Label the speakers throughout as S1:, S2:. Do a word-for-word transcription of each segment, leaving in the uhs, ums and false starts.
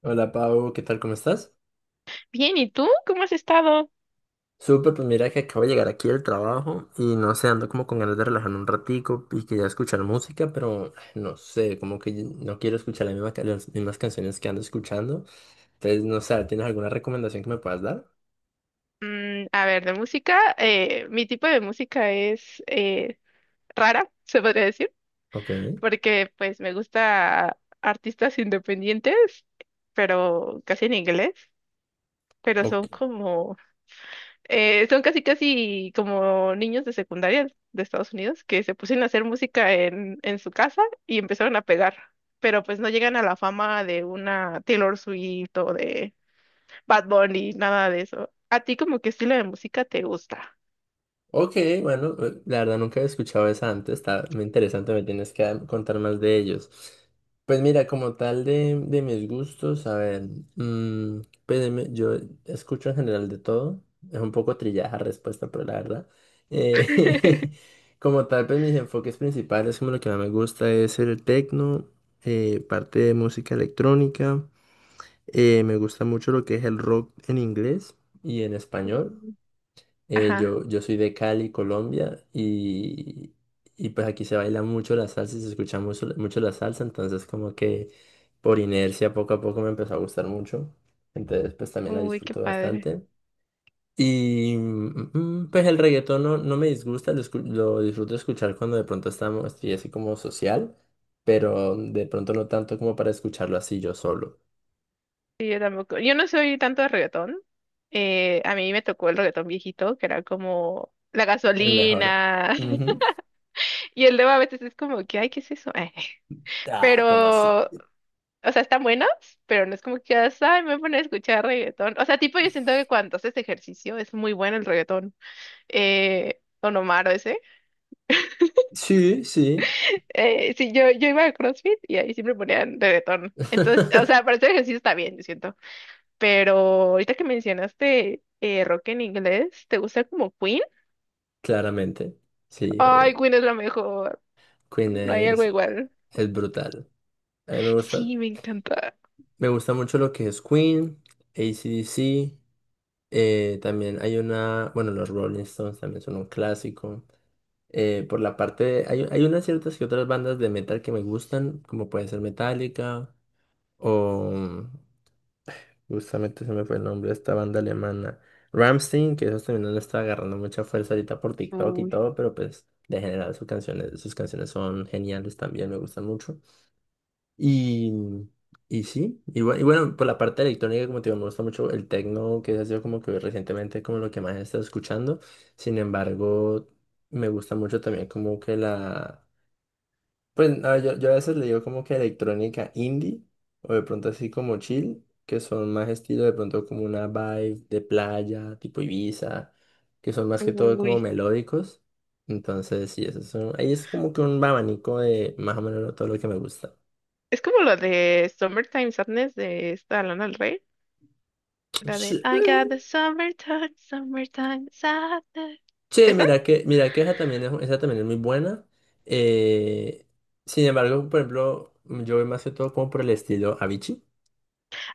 S1: Hola Pau, ¿qué tal? ¿Cómo estás?
S2: Bien, ¿y tú? ¿Cómo has estado?
S1: Súper, pues mira que acabo de llegar aquí del trabajo y no sé, ando como con ganas de relajarme un ratico y quería escuchar música, pero ay, no sé, como que no quiero escuchar las mismas, ca- las mismas canciones que ando escuchando. Entonces, no sé, ¿tienes alguna recomendación que me puedas dar?
S2: Mm, a ver, de música, eh, mi tipo de música es eh, rara, se podría decir,
S1: Ok.
S2: porque pues me gusta artistas independientes, pero casi en inglés, pero
S1: Ok.
S2: son como, eh, son casi casi como niños de secundaria de Estados Unidos que se pusieron a hacer música en, en su casa y empezaron a pegar, pero pues no llegan a la fama de una Taylor Swift o de Bad Bunny, nada de eso. ¿A ti como qué estilo de música te gusta?
S1: Ok, bueno, eh, la verdad nunca había escuchado esa antes, está muy interesante, me tienes que dar- contar más de ellos. Pues mira, como tal de, de mis gustos, a ver, mm, pues de mi- yo escucho en general de todo, es un poco trillada respuesta, pero la verdad. eh, Como tal, pues mis enfoques principales, como lo que más me gusta es el techno, eh, parte de música electrónica, eh, me gusta mucho lo que es el rock en inglés y en español.
S2: Mm.
S1: Eh,
S2: Ajá.
S1: yo, yo soy de Cali, Colombia, y, y pues aquí se baila mucho la salsa y se escucha mucho, mucho la salsa, entonces como que por inercia poco a poco me empezó a gustar mucho, entonces pues también la
S2: Uy, qué
S1: disfruto
S2: padre.
S1: bastante. Y mm, mm, pues el reggaetón no, no me disgusta, lo, escu- lo disfruto escuchar cuando de pronto estamos, estoy así como social, pero de pronto no tanto como para escucharlo así yo solo.
S2: Sí, yo tampoco. Yo no soy tanto de reggaetón. Eh, a mí me tocó el reggaetón viejito, que era como la
S1: El mejor.
S2: gasolina.
S1: Ujú.
S2: Y el luego a veces es como que, ay, ¿qué es eso? Eh,
S1: Ah, ¿cómo
S2: Pero,
S1: así?
S2: o sea, están buenos, pero no es como que, digas, ay, me voy a poner a escuchar reggaetón. O sea, tipo, yo siento que cuando haces ejercicio es muy bueno el reggaetón. Eh, Don Omar o ese.
S1: Sí, sí.
S2: Eh, sí, yo, yo iba a CrossFit y ahí siempre ponían reggaetón. Entonces, o sea, para hacer ejercicio está bien, yo siento. Pero ahorita que mencionaste eh, rock en inglés, ¿te gusta como Queen?
S1: Claramente, sí,
S2: Ay,
S1: obvio.
S2: Queen es la mejor.
S1: Queen
S2: No hay algo
S1: es,
S2: igual.
S1: es brutal. A mí me gusta,
S2: Sí, me encanta.
S1: me gusta mucho lo que es Queen, A C/D C, eh, también hay una, bueno, los Rolling Stones también son un clásico. Eh, por la parte de- hay, hay unas ciertas que otras bandas de metal que me gustan, como puede ser Metallica o, justamente se me fue el nombre de esta banda alemana. Rammstein, que eso también le está agarrando mucha fuerza ahorita por TikTok y
S2: Uy,
S1: todo, pero pues de general sus canciones, sus canciones son geniales también, me gustan mucho. Y, y sí, y, bu- y bueno, por la parte electrónica, como te digo, me gusta mucho el techno, que ha sido como que recientemente como lo que más he estado escuchando. Sin embargo, me gusta mucho también como que la... Pues no, yo, yo a veces le digo como que electrónica indie o de pronto así como chill, que son más estilo de pronto como una vibe de playa, tipo Ibiza, que son más que todo como
S2: uy.
S1: melódicos. Entonces, sí, eso son, ahí es como que un abanico de más o menos todo lo que me gusta.
S2: Es como lo de Summertime Sadness de esta Lana del Rey, la de
S1: Sí,
S2: I got the summertime, summertime sadness.
S1: che,
S2: ¿Esa?
S1: mira que, mira que esa también es, esa también es muy buena. Eh, sin embargo, por ejemplo, yo voy más que todo como por el estilo Avicii.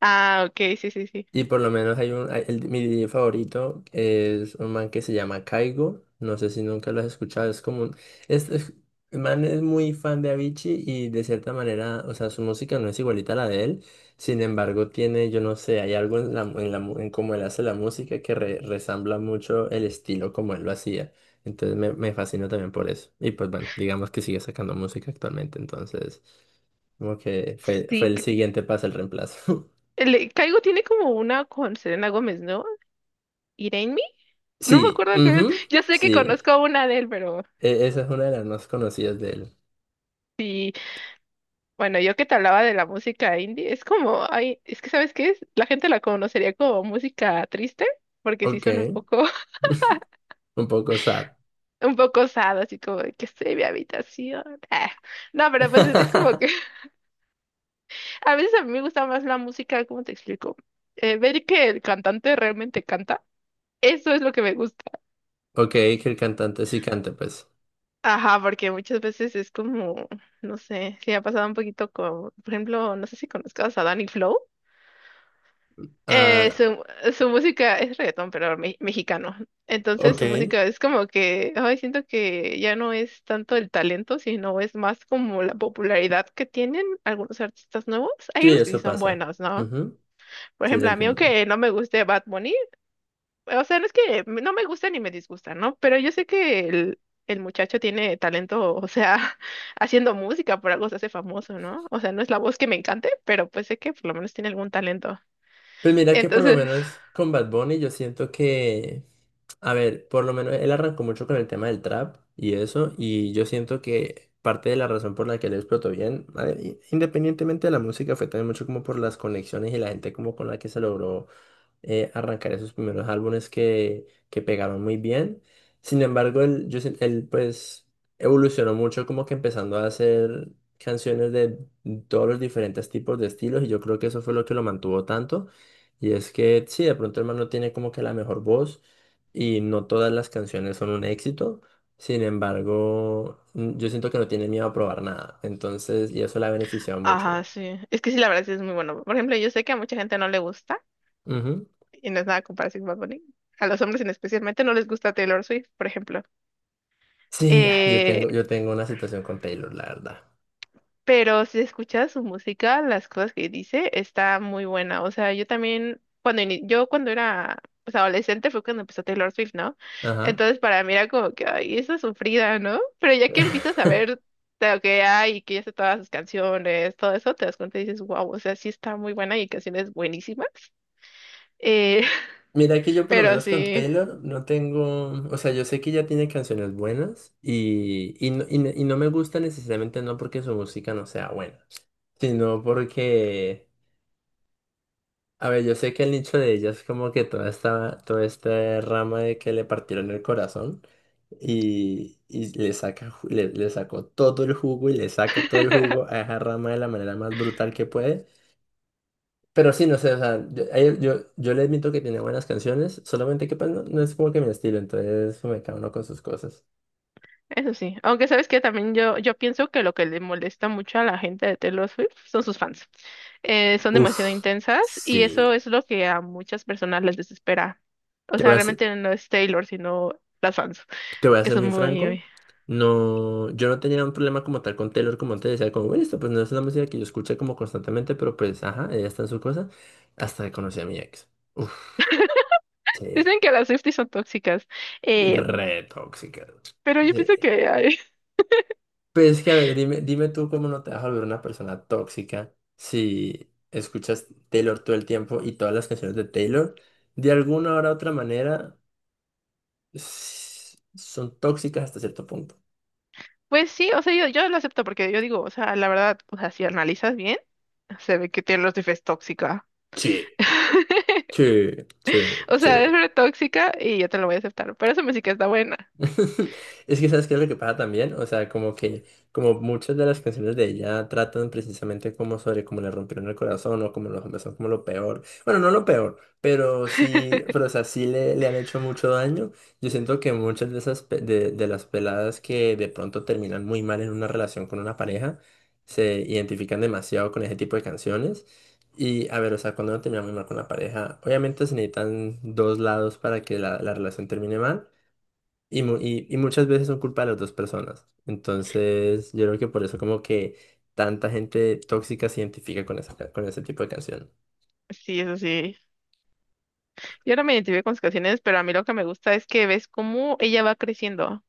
S2: Ah, ok, sí, sí, sí.
S1: Y por lo menos hay un, hay- el- mi D J favorito es un man que se llama Caigo. No sé si nunca lo has escuchado. Es como un, es, es- el man es muy fan de Avicii y de cierta manera, o sea, su música no es igualita a la de él. Sin embargo, tiene, yo no sé, hay algo en la, en la, mu- en cómo él hace la música que re- resambla mucho el estilo como él lo hacía. Entonces me, me fascina también por eso. Y pues bueno, digamos que sigue sacando música actualmente. Entonces, como que fue, fue
S2: Sí,
S1: el
S2: que-
S1: siguiente paso, el reemplazo.
S2: el- Caigo tiene como una con Selena Gómez, ¿no? Irene Me. No me
S1: Sí,
S2: acuerdo qué es.
S1: ujú,
S2: Yo sé que
S1: sí.
S2: conozco una de él, pero
S1: E- esa es una de las más conocidas de él.
S2: sí. Bueno, yo que te hablaba de la música indie, es como, ay, es que ¿sabes qué es? La gente la conocería como música triste, porque sí
S1: Ok,
S2: son un poco
S1: un poco sad.
S2: un poco osado, así como de que estoy en mi habitación. Ah, no, pero pues es, es como que a veces a mí me gusta más la música, ¿cómo te explico? Eh, ver que el cantante realmente canta, eso es lo que me gusta.
S1: Ok, que el cantante sí cante, pues.
S2: Ajá, porque muchas veces es como, no sé, si ha pasado un poquito con, por ejemplo, no sé si conozcas a Danny Flow. Eh,
S1: Ah,
S2: su, su música es reggaetón, pero me- mexicano. Entonces
S1: ok,
S2: su
S1: sí,
S2: música es como que, ay, siento que ya no es tanto el talento, sino es más como la popularidad que tienen algunos artistas nuevos. Hay unos que sí
S1: eso
S2: son
S1: pasa.
S2: buenos, ¿no?
S1: Ujú,
S2: Por
S1: sí, te
S2: ejemplo, a mí
S1: entiendo.
S2: aunque no me guste Bad Bunny, o sea, no es que m- no me gusta ni me disgusta, ¿no? Pero yo sé que el, el muchacho tiene talento, o sea, haciendo música, por algo se hace famoso, ¿no? O sea, no es la voz que me encante, pero pues sé que por lo menos tiene algún talento.
S1: Pues mira que por lo
S2: Entonces...
S1: menos con Bad Bunny yo siento que, a ver, por lo menos él arrancó mucho con el tema del trap y eso, y yo siento que parte de la razón por la que él explotó bien, a ver, i- independientemente de la música, fue también mucho como por las conexiones y la gente como con la que se logró eh, arrancar esos primeros álbumes que, que pegaron muy bien. Sin embargo, él, yo, sien- él pues evolucionó mucho como que empezando a hacer canciones de todos los diferentes tipos de estilos y yo creo que eso fue lo que lo mantuvo tanto. Y es que sí, de pronto el man no tiene como que la mejor voz y no todas las canciones son un éxito. Sin embargo, mm, yo siento que no tiene miedo a probar nada. Entonces, y eso le ha beneficiado mucho.
S2: Ajá, sí. Es que sí, la verdad sí es muy bueno. Por ejemplo, yo sé que a mucha gente no le gusta,
S1: Ujú.
S2: y no es nada comparación con Bad Bunny. A los hombres en especialmente no les gusta Taylor Swift, por ejemplo.
S1: Sí, yo
S2: Eh,
S1: tengo, yo tengo una situación con Taylor, la verdad.
S2: pero si escuchas su música, las cosas que dice, está muy buena. O sea, yo también, cuando ini- yo cuando era pues, adolescente fue cuando empezó Taylor Swift, ¿no?
S1: Ajá.
S2: Entonces para mí era como que, ay, esa sufrida, ¿no? Pero ya que empiezas a ver de lo que hay y que ya sé todas sus canciones, todo eso, te das cuenta y dices, wow, o sea, sí está muy buena y hay canciones buenísimas. Eh,
S1: Mira que yo por lo
S2: pero
S1: menos con
S2: sí,
S1: Taylor no tengo, o sea, yo sé que ella tiene canciones buenas y, y, no, y no y no me gusta necesariamente no porque su música no sea buena, sino porque, a ver, yo sé que el nicho de ella es como que toda esta, toda esta rama de que le partieron el corazón y, y le saca, ju- le, le sacó todo el jugo y le saca todo el jugo a esa rama de la manera más brutal que puede. Pero sí, no sé, o sea, yo, a él- yo, yo le admito que tiene buenas canciones, solamente que pues no, no es como que mi estilo, entonces me cada uno con sus cosas.
S2: eso sí. Aunque sabes que también yo, yo pienso que lo que le molesta mucho a la gente de Taylor Swift son sus fans. Eh, son demasiado
S1: Uf,
S2: intensas y eso
S1: sí,
S2: es lo que a muchas personas les desespera. O
S1: te voy
S2: sea,
S1: a ser,
S2: realmente no es Taylor, sino las fans,
S1: te voy a
S2: que
S1: ser
S2: son
S1: muy franco,
S2: muy...
S1: no, yo no tenía un problema como tal con Taylor, como antes decía, como, bueno, esto pues no es una música que yo escuché como constantemente, pero pues, ajá, ella está en su cosa, hasta que conocí a mi ex. Uf,
S2: Dicen
S1: sí,
S2: que las Swifties son tóxicas, eh,
S1: re tóxica.
S2: pero yo pienso
S1: Sí.
S2: que... ay,
S1: Pero es que, a ver, dime, dime tú cómo no te vas a volver una persona tóxica si escuchas Taylor todo el tiempo y todas las canciones de Taylor, de alguna hora u otra manera, s- son tóxicas hasta cierto punto.
S2: pues sí, o sea, yo, yo lo acepto porque yo digo, o sea, la verdad, o sea, si analizas bien, se ve que Taylor Swift es tóxica.
S1: Sí. Sí, sí,
S2: O
S1: sí.
S2: sea, es re tóxica y yo te lo voy a aceptar. Pero esa música está buena.
S1: Es que sabes qué es lo que pasa también, o sea, como que como muchas de las canciones de ella tratan precisamente como sobre cómo le rompieron el corazón o como los hombres son como lo peor, bueno, no lo peor, pero sí, pero o sea, sí le, le han hecho mucho daño. Yo siento que muchas de esas pe- de, de las peladas que de pronto terminan muy mal en una relación con una pareja, se identifican demasiado con ese tipo de canciones. Y a ver, o sea, cuando uno termina muy mal con la pareja, obviamente se necesitan dos lados para que la la relación termine mal. Y, mu- y, y muchas veces son culpa de las dos personas. Entonces, yo creo que por eso como que tanta gente tóxica se identifica con esa, ca- con ese tipo de canción.
S2: Sí, eso sí. Yo no me identifico con sus canciones, pero a mí lo que me gusta es que ves cómo ella va creciendo.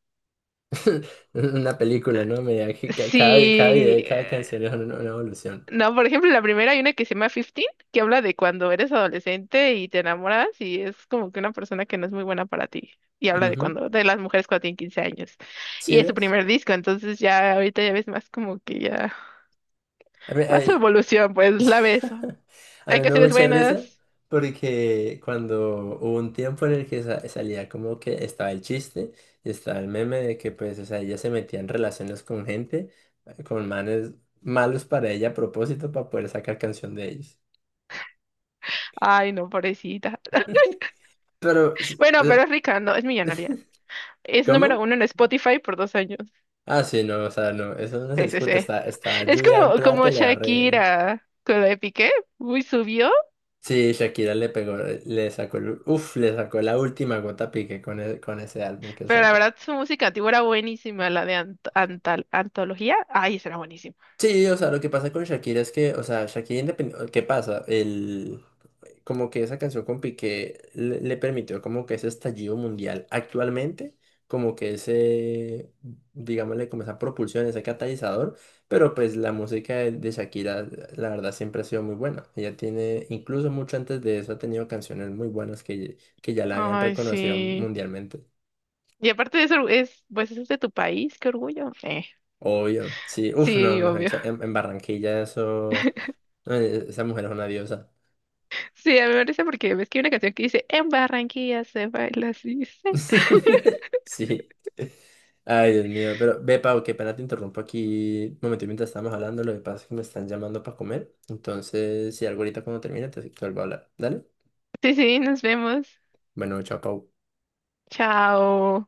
S1: Una película, ¿no? Me da que ca- cada, vi- cada
S2: Sí.
S1: video y cada
S2: eh,
S1: canción es una, una evolución.
S2: No, por ejemplo, la primera hay una que se llama quince, que habla de cuando eres adolescente y te enamoras y es como que una persona que no es muy buena para ti. Y habla de
S1: Ujú.
S2: cuando, de las mujeres cuando tienen quince años.
S1: ¿Sí
S2: Y es su
S1: ves?
S2: primer disco, entonces ya ahorita ya ves más como que ya, más su evolución, pues la ves.
S1: A
S2: Hay
S1: mí me da
S2: canciones
S1: mucha risa
S2: buenas.
S1: porque cuando hubo un tiempo en el que sa- salía como que estaba el chiste y estaba el meme de que pues, o sea, ella se metía en relaciones con gente, eh, con manes malos para ella a propósito para poder sacar canción de ellos.
S2: Ay, no, pobrecita.
S1: Pero, s-
S2: Bueno,
S1: eh,
S2: pero es rica, no, es millonaria. Es
S1: ¿cómo?
S2: número uno en Spotify por dos años.
S1: Ah, sí, no, o sea, no, eso no se
S2: Sí, sí,
S1: discute,
S2: sí.
S1: está, está
S2: Es
S1: lluvia en
S2: como,
S1: plata
S2: como
S1: y le va a reír.
S2: Shakira con la de Piqué. Uy, subió.
S1: Sí, Shakira le pegó, le sacó, el- uf, le sacó la última gota a Piqué con, e- con ese álbum que
S2: Pero la
S1: sacó.
S2: verdad, su música antigua era buenísima, la de ant- antal- antología. Ay, esa era buenísima.
S1: Sí, o sea, lo que pasa con Shakira es que, o sea, Shakira independiente, ¿qué pasa? El, como que esa canción con Piqué le, le permitió como que ese estallido mundial actualmente, como que ese, digámosle, como esa propulsión, ese catalizador, pero pues la música de, de Shakira, la verdad, siempre ha sido muy buena. Ella tiene, incluso mucho antes de eso, ha tenido canciones muy buenas que, que ya la habían
S2: Ay,
S1: reconocido
S2: sí.
S1: mundialmente.
S2: Y aparte de eso, es, pues eso es de tu país, qué orgullo. Eh,
S1: Obvio, sí, uff, no,
S2: sí,
S1: mejor
S2: obvio.
S1: dicho, en, en Barranquilla eso, no, e- esa mujer es una diosa.
S2: Sí, a mí me parece porque ves que hay una canción que dice, en Barranquilla se baila así. Sí,
S1: Sí. Ay, Dios mío. Pero ve, Pau, qué pena te interrumpo aquí. Un momento, mientras estábamos hablando, lo que pasa es que me están llamando para comer. Entonces, si algo ahorita cuando termine, te, te vuelvo a hablar. Dale.
S2: sí, sí, nos vemos.
S1: Bueno, chao, Pau.
S2: Chao.